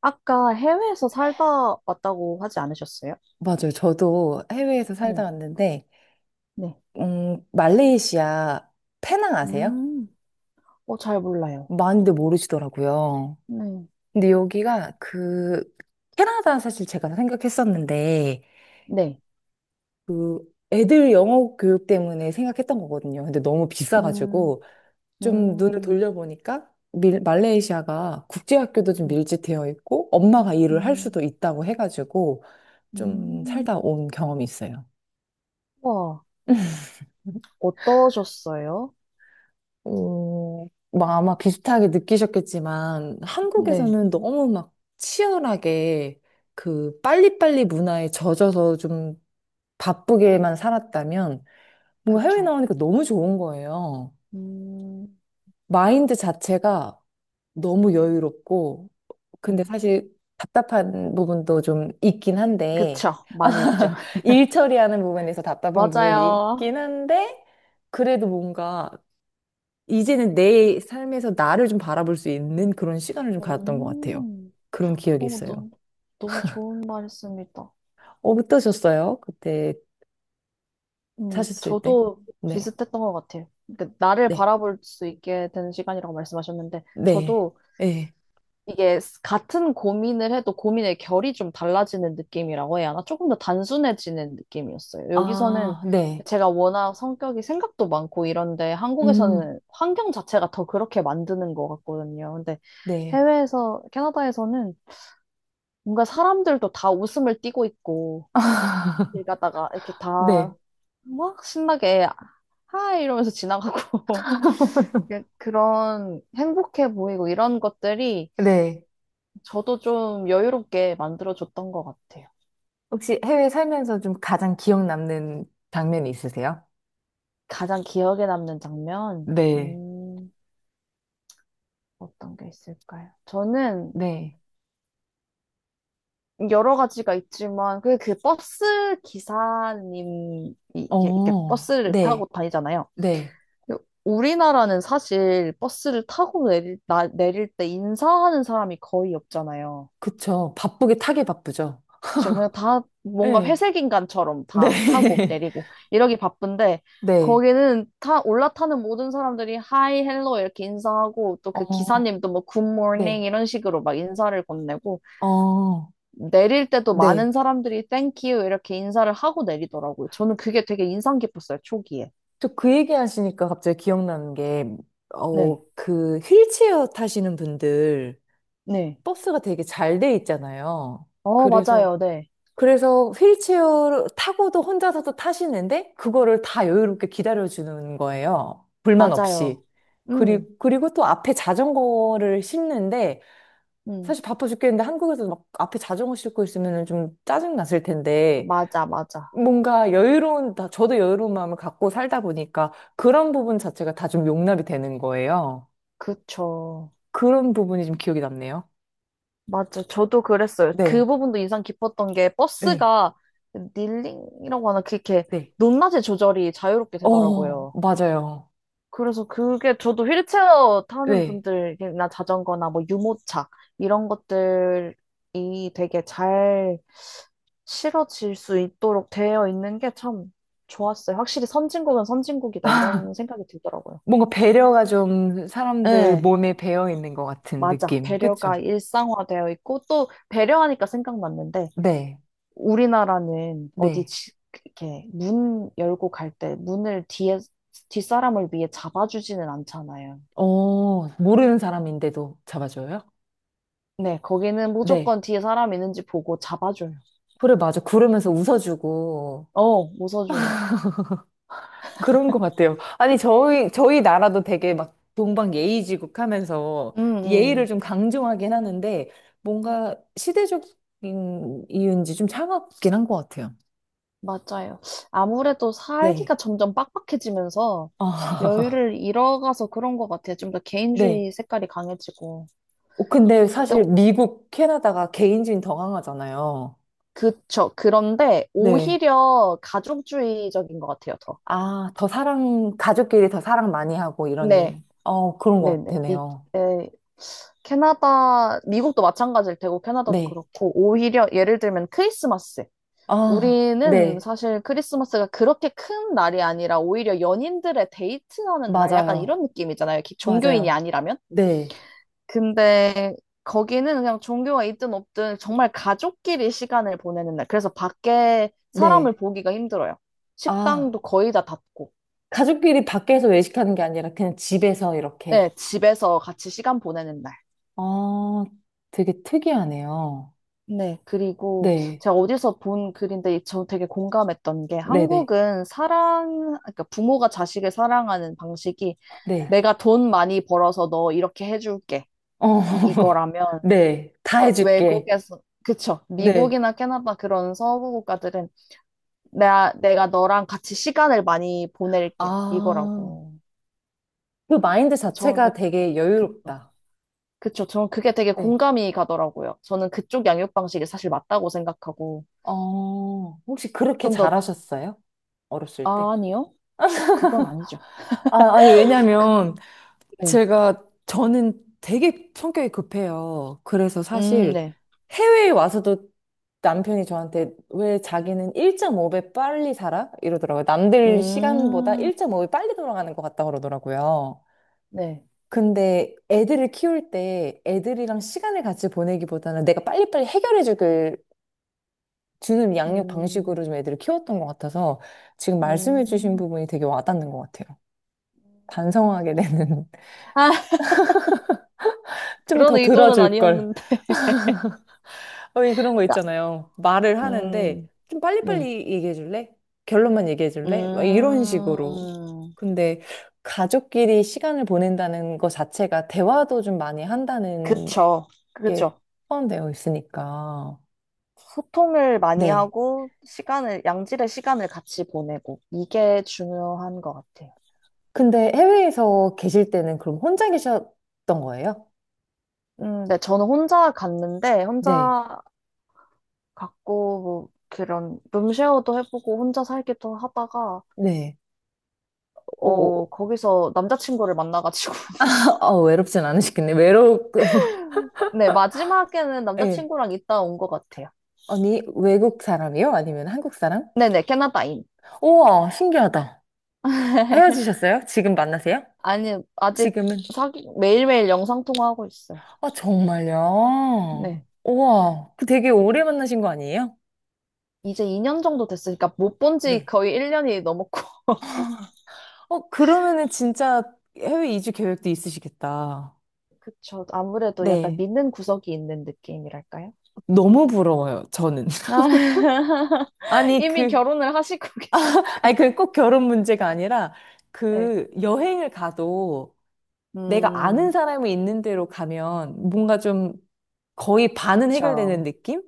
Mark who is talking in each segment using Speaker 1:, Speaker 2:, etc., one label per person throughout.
Speaker 1: 아까 해외에서 살다 왔다고 하지 않으셨어요?
Speaker 2: 맞아요. 저도 해외에서 살다
Speaker 1: 네,
Speaker 2: 왔는데,
Speaker 1: 네.
Speaker 2: 말레이시아 페낭 아세요?
Speaker 1: 음, 어, 잘 몰라요.
Speaker 2: 많이들 모르시더라고요.
Speaker 1: 네,
Speaker 2: 근데 여기가 캐나다 사실 제가 생각했었는데,
Speaker 1: 네.
Speaker 2: 그 애들 영어 교육 때문에 생각했던 거거든요. 근데 너무
Speaker 1: 음,
Speaker 2: 비싸가지고, 좀 눈을
Speaker 1: 음,
Speaker 2: 돌려보니까, 말레이시아가 국제학교도 좀
Speaker 1: 네.
Speaker 2: 밀집되어 있고, 엄마가 일을 할 수도
Speaker 1: 음,
Speaker 2: 있다고 해가지고, 좀
Speaker 1: 음.
Speaker 2: 살다 온 경험이 있어요.
Speaker 1: 와, 어떠셨어요?
Speaker 2: 어, 막 아마 비슷하게 느끼셨겠지만
Speaker 1: 네,
Speaker 2: 한국에서는 너무 막 치열하게 그 빨리빨리 문화에 젖어서 좀 바쁘게만 살았다면 뭔가 해외
Speaker 1: 그쵸.
Speaker 2: 나오니까 너무 좋은 거예요.
Speaker 1: 음,
Speaker 2: 마인드 자체가 너무 여유롭고 근데
Speaker 1: 음.
Speaker 2: 사실 답답한 부분도 좀 있긴 한데
Speaker 1: 그쵸. 많이 있죠.
Speaker 2: 일 처리하는 부분에서 답답한 부분이
Speaker 1: 맞아요.
Speaker 2: 있긴 한데 그래도 뭔가 이제는 내 삶에서 나를 좀 바라볼 수 있는 그런 시간을 좀 가졌던 것 같아요.
Speaker 1: 음,
Speaker 2: 그런 기억이
Speaker 1: 너무,
Speaker 2: 있어요.
Speaker 1: 너무, 너무 좋은 말씀이다.
Speaker 2: 어떠셨어요? 그때 사셨을 때?
Speaker 1: 저도
Speaker 2: 네.
Speaker 1: 비슷했던 것 같아요. 그러니까 나를
Speaker 2: 네.
Speaker 1: 바라볼 수 있게 되는 시간이라고 말씀하셨는데,
Speaker 2: 네.
Speaker 1: 저도
Speaker 2: 네.
Speaker 1: 이게 같은 고민을 해도 고민의 결이 좀 달라지는 느낌이라고 해야 하나? 조금 더 단순해지는 느낌이었어요. 여기서는
Speaker 2: 아, 네.
Speaker 1: 제가 워낙 성격이 생각도 많고 이런데,
Speaker 2: 음,
Speaker 1: 한국에서는 환경 자체가 더 그렇게 만드는 것 같거든요. 근데
Speaker 2: 네.
Speaker 1: 해외에서, 캐나다에서는 뭔가 사람들도 다 웃음을 띠고 있고, 일 가다가 이렇게
Speaker 2: 네.
Speaker 1: 다 막 신나게 하이 이러면서 지나가고 그냥 그런 행복해 보이고 이런 것들이
Speaker 2: 네.
Speaker 1: 저도 좀 여유롭게 만들어줬던 것 같아요.
Speaker 2: 혹시 해외 살면서 좀 가장 기억 남는 장면이 있으세요?
Speaker 1: 가장 기억에 남는 장면,
Speaker 2: 네.
Speaker 1: 어떤 게 있을까요? 저는
Speaker 2: 네.
Speaker 1: 여러 가지가 있지만 그 버스 기사님이 이렇게
Speaker 2: 어,
Speaker 1: 버스를 타고
Speaker 2: 네.
Speaker 1: 다니잖아요.
Speaker 2: 네.
Speaker 1: 근데 우리나라는 사실 버스를 타고 내릴 때 인사하는 사람이 거의 없잖아요.
Speaker 2: 그쵸. 바쁘게 타게 바쁘죠.
Speaker 1: 그쵸. 그냥 다 뭔가
Speaker 2: 네.
Speaker 1: 회색 인간처럼 다 타고
Speaker 2: 네.
Speaker 1: 내리고 이러기 바쁜데
Speaker 2: 네.
Speaker 1: 거기는 타 올라타는 모든 사람들이 하이 헬로 이렇게 인사하고 또
Speaker 2: 어,
Speaker 1: 그 기사님도 뭐 굿모닝
Speaker 2: 네.
Speaker 1: 이런 식으로 막 인사를 건네고
Speaker 2: 어,
Speaker 1: 내릴 때도
Speaker 2: 네.
Speaker 1: 많은 사람들이 땡큐 이렇게 인사를 하고 내리더라고요. 저는 그게 되게 인상 깊었어요. 초기에.
Speaker 2: 저 그 얘기 하시니까 갑자기 기억나는 게,
Speaker 1: 네.
Speaker 2: 그 휠체어 타시는 분들
Speaker 1: 네.
Speaker 2: 버스가 되게 잘 돼 있잖아요.
Speaker 1: 어,
Speaker 2: 그래서,
Speaker 1: 맞아요. 네.
Speaker 2: 그래서, 휠체어 타고도 혼자서도 타시는데, 그거를 다 여유롭게 기다려주는 거예요. 불만
Speaker 1: 맞아요.
Speaker 2: 없이. 그리고,
Speaker 1: 음.
Speaker 2: 그리고 또 앞에 자전거를 싣는데,
Speaker 1: 음.
Speaker 2: 사실 바빠 죽겠는데 한국에서 막 앞에 자전거 싣고 있으면 좀 짜증 났을 텐데,
Speaker 1: 맞아, 맞아.
Speaker 2: 뭔가 여유로운, 저도 여유로운 마음을 갖고 살다 보니까 그런 부분 자체가 다 좀 용납이 되는 거예요.
Speaker 1: 그쵸.
Speaker 2: 그런 부분이 좀 기억이 남네요.
Speaker 1: 맞죠. 저도 그랬어요.
Speaker 2: 네,
Speaker 1: 그 부분도 인상 깊었던 게
Speaker 2: 네.
Speaker 1: 버스가 닐링이라고 하나 그렇게
Speaker 2: 네,
Speaker 1: 높낮이 조절이 자유롭게
Speaker 2: 어,
Speaker 1: 되더라고요.
Speaker 2: 맞아요.
Speaker 1: 그래서 그게 저도 휠체어 타는
Speaker 2: 네.
Speaker 1: 분들이나 자전거나 뭐 유모차 이런 것들이 되게 잘 실어질 수 있도록 되어 있는 게 참 좋았어요. 확실히 선진국은 선진국이다 이런 생각이 들더라고요.
Speaker 2: 뭔가 배려가 좀 사람들
Speaker 1: 네.
Speaker 2: 몸에 배어 있는 것 같은
Speaker 1: 맞아.
Speaker 2: 느낌.
Speaker 1: 배려가
Speaker 2: 그쵸?
Speaker 1: 일상화되어 있고 또 배려하니까 생각났는데
Speaker 2: 네,
Speaker 1: 우리나라는
Speaker 2: 네,
Speaker 1: 이렇게 문 열고 갈 때 문을 뒤에 뒷사람을 위해 잡아주지는 않잖아요.
Speaker 2: 모르는 사람인데도 잡아줘요?
Speaker 1: 네, 거기는
Speaker 2: 네.
Speaker 1: 무조건 뒤에 사람 있는지 보고 잡아줘요.
Speaker 2: 그래, 맞아. 구르면서 웃어주고,
Speaker 1: 어, 웃어줘요.
Speaker 2: 그런 것 같아요. 아니, 저희 나라도 되게 막 동방 예의지국 하면서
Speaker 1: 음,
Speaker 2: 예의를
Speaker 1: 음,
Speaker 2: 좀 강조하긴 하는데 뭔가 시대적인 이유인지 좀 차갑긴 한 것 같아요.
Speaker 1: 맞아요. 아무래도 살기가
Speaker 2: 네.
Speaker 1: 점점 빡빡해지면서
Speaker 2: 아,
Speaker 1: 여유를 잃어가서 그런 것 같아요. 좀 더
Speaker 2: 네.
Speaker 1: 개인주의 색깔이 강해지고.
Speaker 2: 근데 사실
Speaker 1: 근데
Speaker 2: 미국, 캐나다가 개인주의는 더 강하잖아요.
Speaker 1: 그쵸. 그런데
Speaker 2: 네.
Speaker 1: 오히려 가족주의적인 것 같아요, 더.
Speaker 2: 아, 더 사랑, 가족끼리 더 사랑 많이 하고
Speaker 1: 네.
Speaker 2: 이런, 그런 것
Speaker 1: 네네. 이,
Speaker 2: 같으네요.
Speaker 1: 에, 캐나다, 미국도 마찬가지일 테고, 캐나다도
Speaker 2: 네.
Speaker 1: 그렇고, 오히려 예를 들면 크리스마스.
Speaker 2: 아,
Speaker 1: 우리는
Speaker 2: 네.
Speaker 1: 사실 크리스마스가 그렇게 큰 날이 아니라 오히려 연인들의 데이트하는 날, 약간
Speaker 2: 맞아요.
Speaker 1: 이런 느낌이잖아요. 이렇게 종교인이
Speaker 2: 맞아요.
Speaker 1: 아니라면.
Speaker 2: 네.
Speaker 1: 근데 거기는 그냥 종교가 있든 없든 정말 가족끼리 시간을 보내는 날. 그래서 밖에 사람을
Speaker 2: 네.
Speaker 1: 보기가 힘들어요.
Speaker 2: 아,
Speaker 1: 식당도 거의 다 닫고,
Speaker 2: 가족끼리 밖에서 외식하는 게 아니라 그냥 집에서 이렇게.
Speaker 1: 네, 집에서 같이 시간 보내는 날.
Speaker 2: 아, 되게 특이하네요.
Speaker 1: 네, 그리고
Speaker 2: 네,
Speaker 1: 제가 어디서 본 글인데 저 되게 공감했던 게
Speaker 2: 네네, 네.
Speaker 1: 한국은 사랑, 그러니까 부모가 자식을 사랑하는 방식이
Speaker 2: 네.
Speaker 1: 내가 돈 많이 벌어서 너 이렇게 해줄게.
Speaker 2: 어,
Speaker 1: 이거라면
Speaker 2: 네, 다
Speaker 1: 그러니까
Speaker 2: 해줄게.
Speaker 1: 외국에서, 그쵸.
Speaker 2: 네.
Speaker 1: 미국이나 캐나다 그런 서구 국가들은 내가 너랑 같이 시간을 많이 보낼게.
Speaker 2: 아,
Speaker 1: 이거라고.
Speaker 2: 그 마인드
Speaker 1: 저는
Speaker 2: 자체가 되게
Speaker 1: 그, 그쵸.
Speaker 2: 여유롭다.
Speaker 1: 그쵸. 저는 그게 되게
Speaker 2: 네.
Speaker 1: 공감이 가더라고요. 저는 그쪽 양육 방식이 사실 맞다고 생각하고
Speaker 2: 어, 혹시 그렇게
Speaker 1: 좀 더,
Speaker 2: 잘하셨어요? 어렸을 때?
Speaker 1: 아, 아니요. 그건 아니죠.
Speaker 2: 아, 아니,
Speaker 1: 그거.
Speaker 2: 왜냐면,
Speaker 1: 네.
Speaker 2: 제가 저는 되게 성격이 급해요. 그래서 사실
Speaker 1: 네.
Speaker 2: 해외에 와서도 남편이 저한테 왜 자기는 1.5배 빨리 살아? 이러더라고요. 남들 시간보다
Speaker 1: 음,
Speaker 2: 1.5배 빨리 돌아가는 것 같다 그러더라고요.
Speaker 1: 네.
Speaker 2: 근데 애들을 키울 때 애들이랑 시간을 같이 보내기보다는 내가 빨리빨리 해결해 주길 주는 양육 방식으로
Speaker 1: 음,
Speaker 2: 좀 애들을 키웠던 것 같아서 지금 말씀해 주신
Speaker 1: 음,
Speaker 2: 부분이 되게 와닿는 것 같아요. 반성하게
Speaker 1: 그쵸.
Speaker 2: 되는
Speaker 1: 아,
Speaker 2: 좀
Speaker 1: 그런
Speaker 2: 더
Speaker 1: 의도는
Speaker 2: 들어줄 걸.
Speaker 1: 아니었는데.
Speaker 2: 왜 그런 거
Speaker 1: 나-
Speaker 2: 있잖아요. 말을 하는데
Speaker 1: 음,
Speaker 2: 좀
Speaker 1: 네.
Speaker 2: 빨리빨리 얘기해 줄래? 결론만 얘기해 줄래? 막 이런 식으로.
Speaker 1: 음,
Speaker 2: 근데 가족끼리 시간을 보낸다는 것 자체가 대화도 좀 많이 한다는
Speaker 1: 그쵸.
Speaker 2: 게
Speaker 1: 그쵸.
Speaker 2: 포함되어 있으니까.
Speaker 1: 소통을 많이
Speaker 2: 네.
Speaker 1: 하고, 시간을, 양질의 시간을 같이 보내고, 이게 중요한 것 같아요.
Speaker 2: 근데 해외에서 계실 때는 그럼 혼자 계셨던 거예요?
Speaker 1: 네. 저는 혼자 갔는데,
Speaker 2: 네.
Speaker 1: 혼자 갔고, 뭐, 그런, 룸쉐어도 해보고, 혼자 살기도 하다가,
Speaker 2: 네. 어,
Speaker 1: 어, 거기서 남자친구를 만나가지고.
Speaker 2: 외롭진 않으시겠네.
Speaker 1: 네, 마지막에는
Speaker 2: 네.
Speaker 1: 남자친구랑 있다 온 것 같아요.
Speaker 2: 아니, 외국 사람이요? 아니면 한국 사람?
Speaker 1: 네네, 캐나다인.
Speaker 2: 우와, 신기하다. 헤어지셨어요? 지금 만나세요?
Speaker 1: 아니, 아직
Speaker 2: 지금은?
Speaker 1: 사귀, 매일매일 영상통화하고 있어요.
Speaker 2: 아, 정말요?
Speaker 1: 네.
Speaker 2: 우와, 되게 오래 만나신 거 아니에요?
Speaker 1: 이제 2년 정도 됐으니까 못 본지
Speaker 2: 네.
Speaker 1: 거의 1년이 넘었고.
Speaker 2: 그러면은 진짜 해외 이주 계획도 있으시겠다.
Speaker 1: 그쵸. 아무래도 약간
Speaker 2: 네.
Speaker 1: 믿는 구석이 있는 느낌이랄까요?
Speaker 2: 너무 부러워요, 저는.
Speaker 1: 아,
Speaker 2: 아니,
Speaker 1: 이미
Speaker 2: 그,
Speaker 1: 결혼을 하시고 계신.
Speaker 2: 아니, 그 꼭 결혼 문제가 아니라
Speaker 1: 네.
Speaker 2: 그 여행을 가도 내가
Speaker 1: 음,
Speaker 2: 아는 사람이 있는 데로 가면 뭔가 좀 거의 반은 해결되는
Speaker 1: 그쵸.
Speaker 2: 느낌?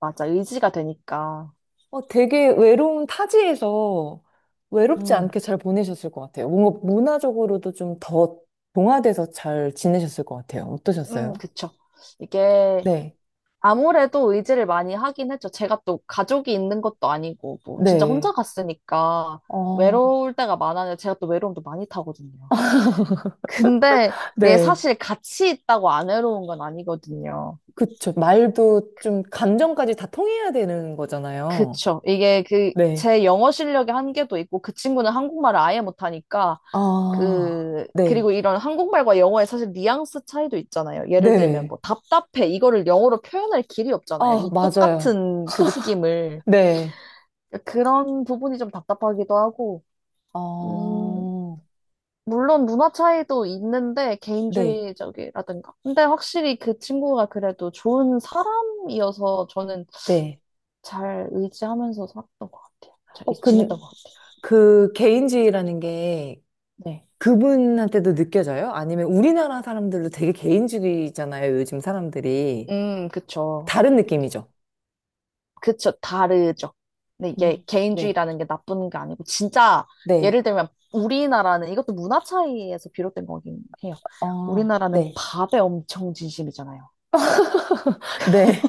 Speaker 1: 맞아. 의지가 되니까.
Speaker 2: 되게 외로운 타지에서 외롭지
Speaker 1: 음,
Speaker 2: 않게 잘 보내셨을 것 같아요. 뭔가 문화적으로도 좀 더 동화돼서 잘 지내셨을 것 같아요. 어떠셨어요?
Speaker 1: 그쵸. 이게
Speaker 2: 네.
Speaker 1: 아무래도 의지를 많이 하긴 했죠. 제가 또 가족이 있는 것도 아니고, 뭐, 진짜
Speaker 2: 네.
Speaker 1: 혼자 갔으니까
Speaker 2: 어,
Speaker 1: 외로울 때가 많아요. 제가 또 외로움도 많이 타거든요. 근데 이게
Speaker 2: 네.
Speaker 1: 사실 같이 있다고 안 외로운 건 아니거든요.
Speaker 2: 그쵸. 말도 좀 감정까지 다 통해야 되는 거잖아요.
Speaker 1: 그쵸.
Speaker 2: 네.
Speaker 1: 제 영어 실력의 한계도 있고, 그 친구는 한국말을 아예 못하니까,
Speaker 2: 아,
Speaker 1: 그,
Speaker 2: 네.
Speaker 1: 그리고 이런 한국말과 영어의 사실 뉘앙스 차이도 있잖아요. 예를 들면
Speaker 2: 네.
Speaker 1: 뭐, 답답해. 이거를 영어로 표현할 길이 없잖아요.
Speaker 2: 아,
Speaker 1: 이
Speaker 2: 맞아요.
Speaker 1: 똑같은 그 느낌을.
Speaker 2: 네.
Speaker 1: 그런 부분이 좀 답답하기도 하고, 음,
Speaker 2: 어,
Speaker 1: 물론 문화 차이도 있는데
Speaker 2: 네.
Speaker 1: 개인주의적이라든가. 근데 확실히 그 친구가 그래도 좋은 사람이어서 저는
Speaker 2: 네.
Speaker 1: 잘 의지하면서 살았던 것 같아요. 잘
Speaker 2: 어, 그,
Speaker 1: 지냈던 것 같아요.
Speaker 2: 그 개인주의라는 게
Speaker 1: 네.
Speaker 2: 그분한테도 느껴져요? 아니면 우리나라 사람들도 되게 개인주의잖아요, 요즘 사람들이.
Speaker 1: 그쵸.
Speaker 2: 다른 느낌이죠?
Speaker 1: 그쵸. 다르죠. 근데 이게
Speaker 2: 네,
Speaker 1: 개인주의라는 게 나쁜 게 아니고, 진짜,
Speaker 2: 네,
Speaker 1: 예를 들면, 우리나라는, 이것도 문화 차이에서 비롯된 거긴 해요.
Speaker 2: 어,
Speaker 1: 우리나라는
Speaker 2: 네,
Speaker 1: 밥에 엄청 진심이잖아요.
Speaker 2: 네,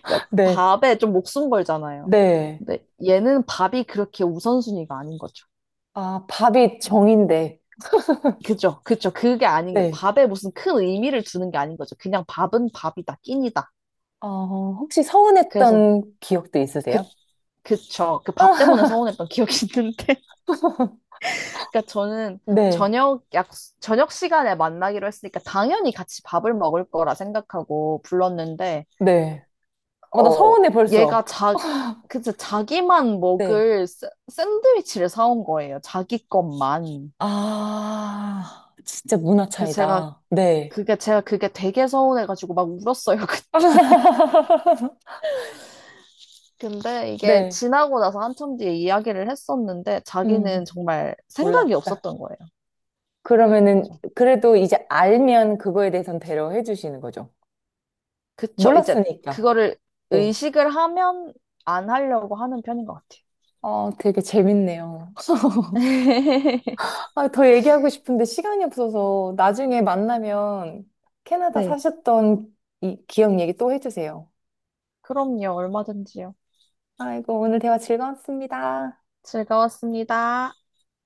Speaker 1: 그러니까
Speaker 2: 네.
Speaker 1: 밥에 좀 목숨 걸잖아요.
Speaker 2: 네.
Speaker 1: 근데 얘는 밥이 그렇게 우선순위가 아닌 거죠.
Speaker 2: 아, 밥이 정인데,
Speaker 1: 그죠, 그죠. 그게 아닌 거.
Speaker 2: 네.
Speaker 1: 밥에 무슨 큰 의미를 두는 게 아닌 거죠. 그냥 밥은 밥이다, 끼니다.
Speaker 2: 어, 혹시
Speaker 1: 그래서
Speaker 2: 서운했던 기억도
Speaker 1: 그,
Speaker 2: 있으세요?
Speaker 1: 그쵸. 그 밥 때문에 서운했던 기억이 있는데. 그러니까 저는
Speaker 2: 네,
Speaker 1: 저녁 약, 저녁 시간에 만나기로 했으니까 당연히 같이 밥을 먹을 거라 생각하고 불렀는데,
Speaker 2: 네. 나
Speaker 1: 어,
Speaker 2: 서운해,
Speaker 1: 얘가
Speaker 2: 벌써.
Speaker 1: 자, 그쵸, 자기만
Speaker 2: 네.
Speaker 1: 먹을 샌드위치를 사온 거예요. 자기 것만.
Speaker 2: 아, 진짜 문화
Speaker 1: 그 제가
Speaker 2: 차이다. 네.
Speaker 1: 제가 그게 되게 서운해가지고 막 울었어요. 근데 이게
Speaker 2: 네,
Speaker 1: 지나고 나서 한참 뒤에 이야기를 했었는데
Speaker 2: 음,
Speaker 1: 자기는
Speaker 2: 음.
Speaker 1: 정말 생각이
Speaker 2: 몰랐다.
Speaker 1: 없었던 거예요.
Speaker 2: 그러면은
Speaker 1: 그래서
Speaker 2: 그래도 이제 알면 그거에 대해선 배려해 주시는 거죠.
Speaker 1: 그쵸. 이제
Speaker 2: 몰랐으니까.
Speaker 1: 그거를
Speaker 2: 네.
Speaker 1: 의식을 하면 안 하려고 하는 편인 것 같아요.
Speaker 2: 되게 재밌네요. 아, 더 얘기하고 싶은데 시간이 없어서 나중에 만나면 캐나다
Speaker 1: 네.
Speaker 2: 사셨던 이 기억 얘기 또 해주세요.
Speaker 1: 그럼요. 얼마든지요.
Speaker 2: 아이고, 오늘 대화 즐거웠습니다.
Speaker 1: 즐거웠습니다.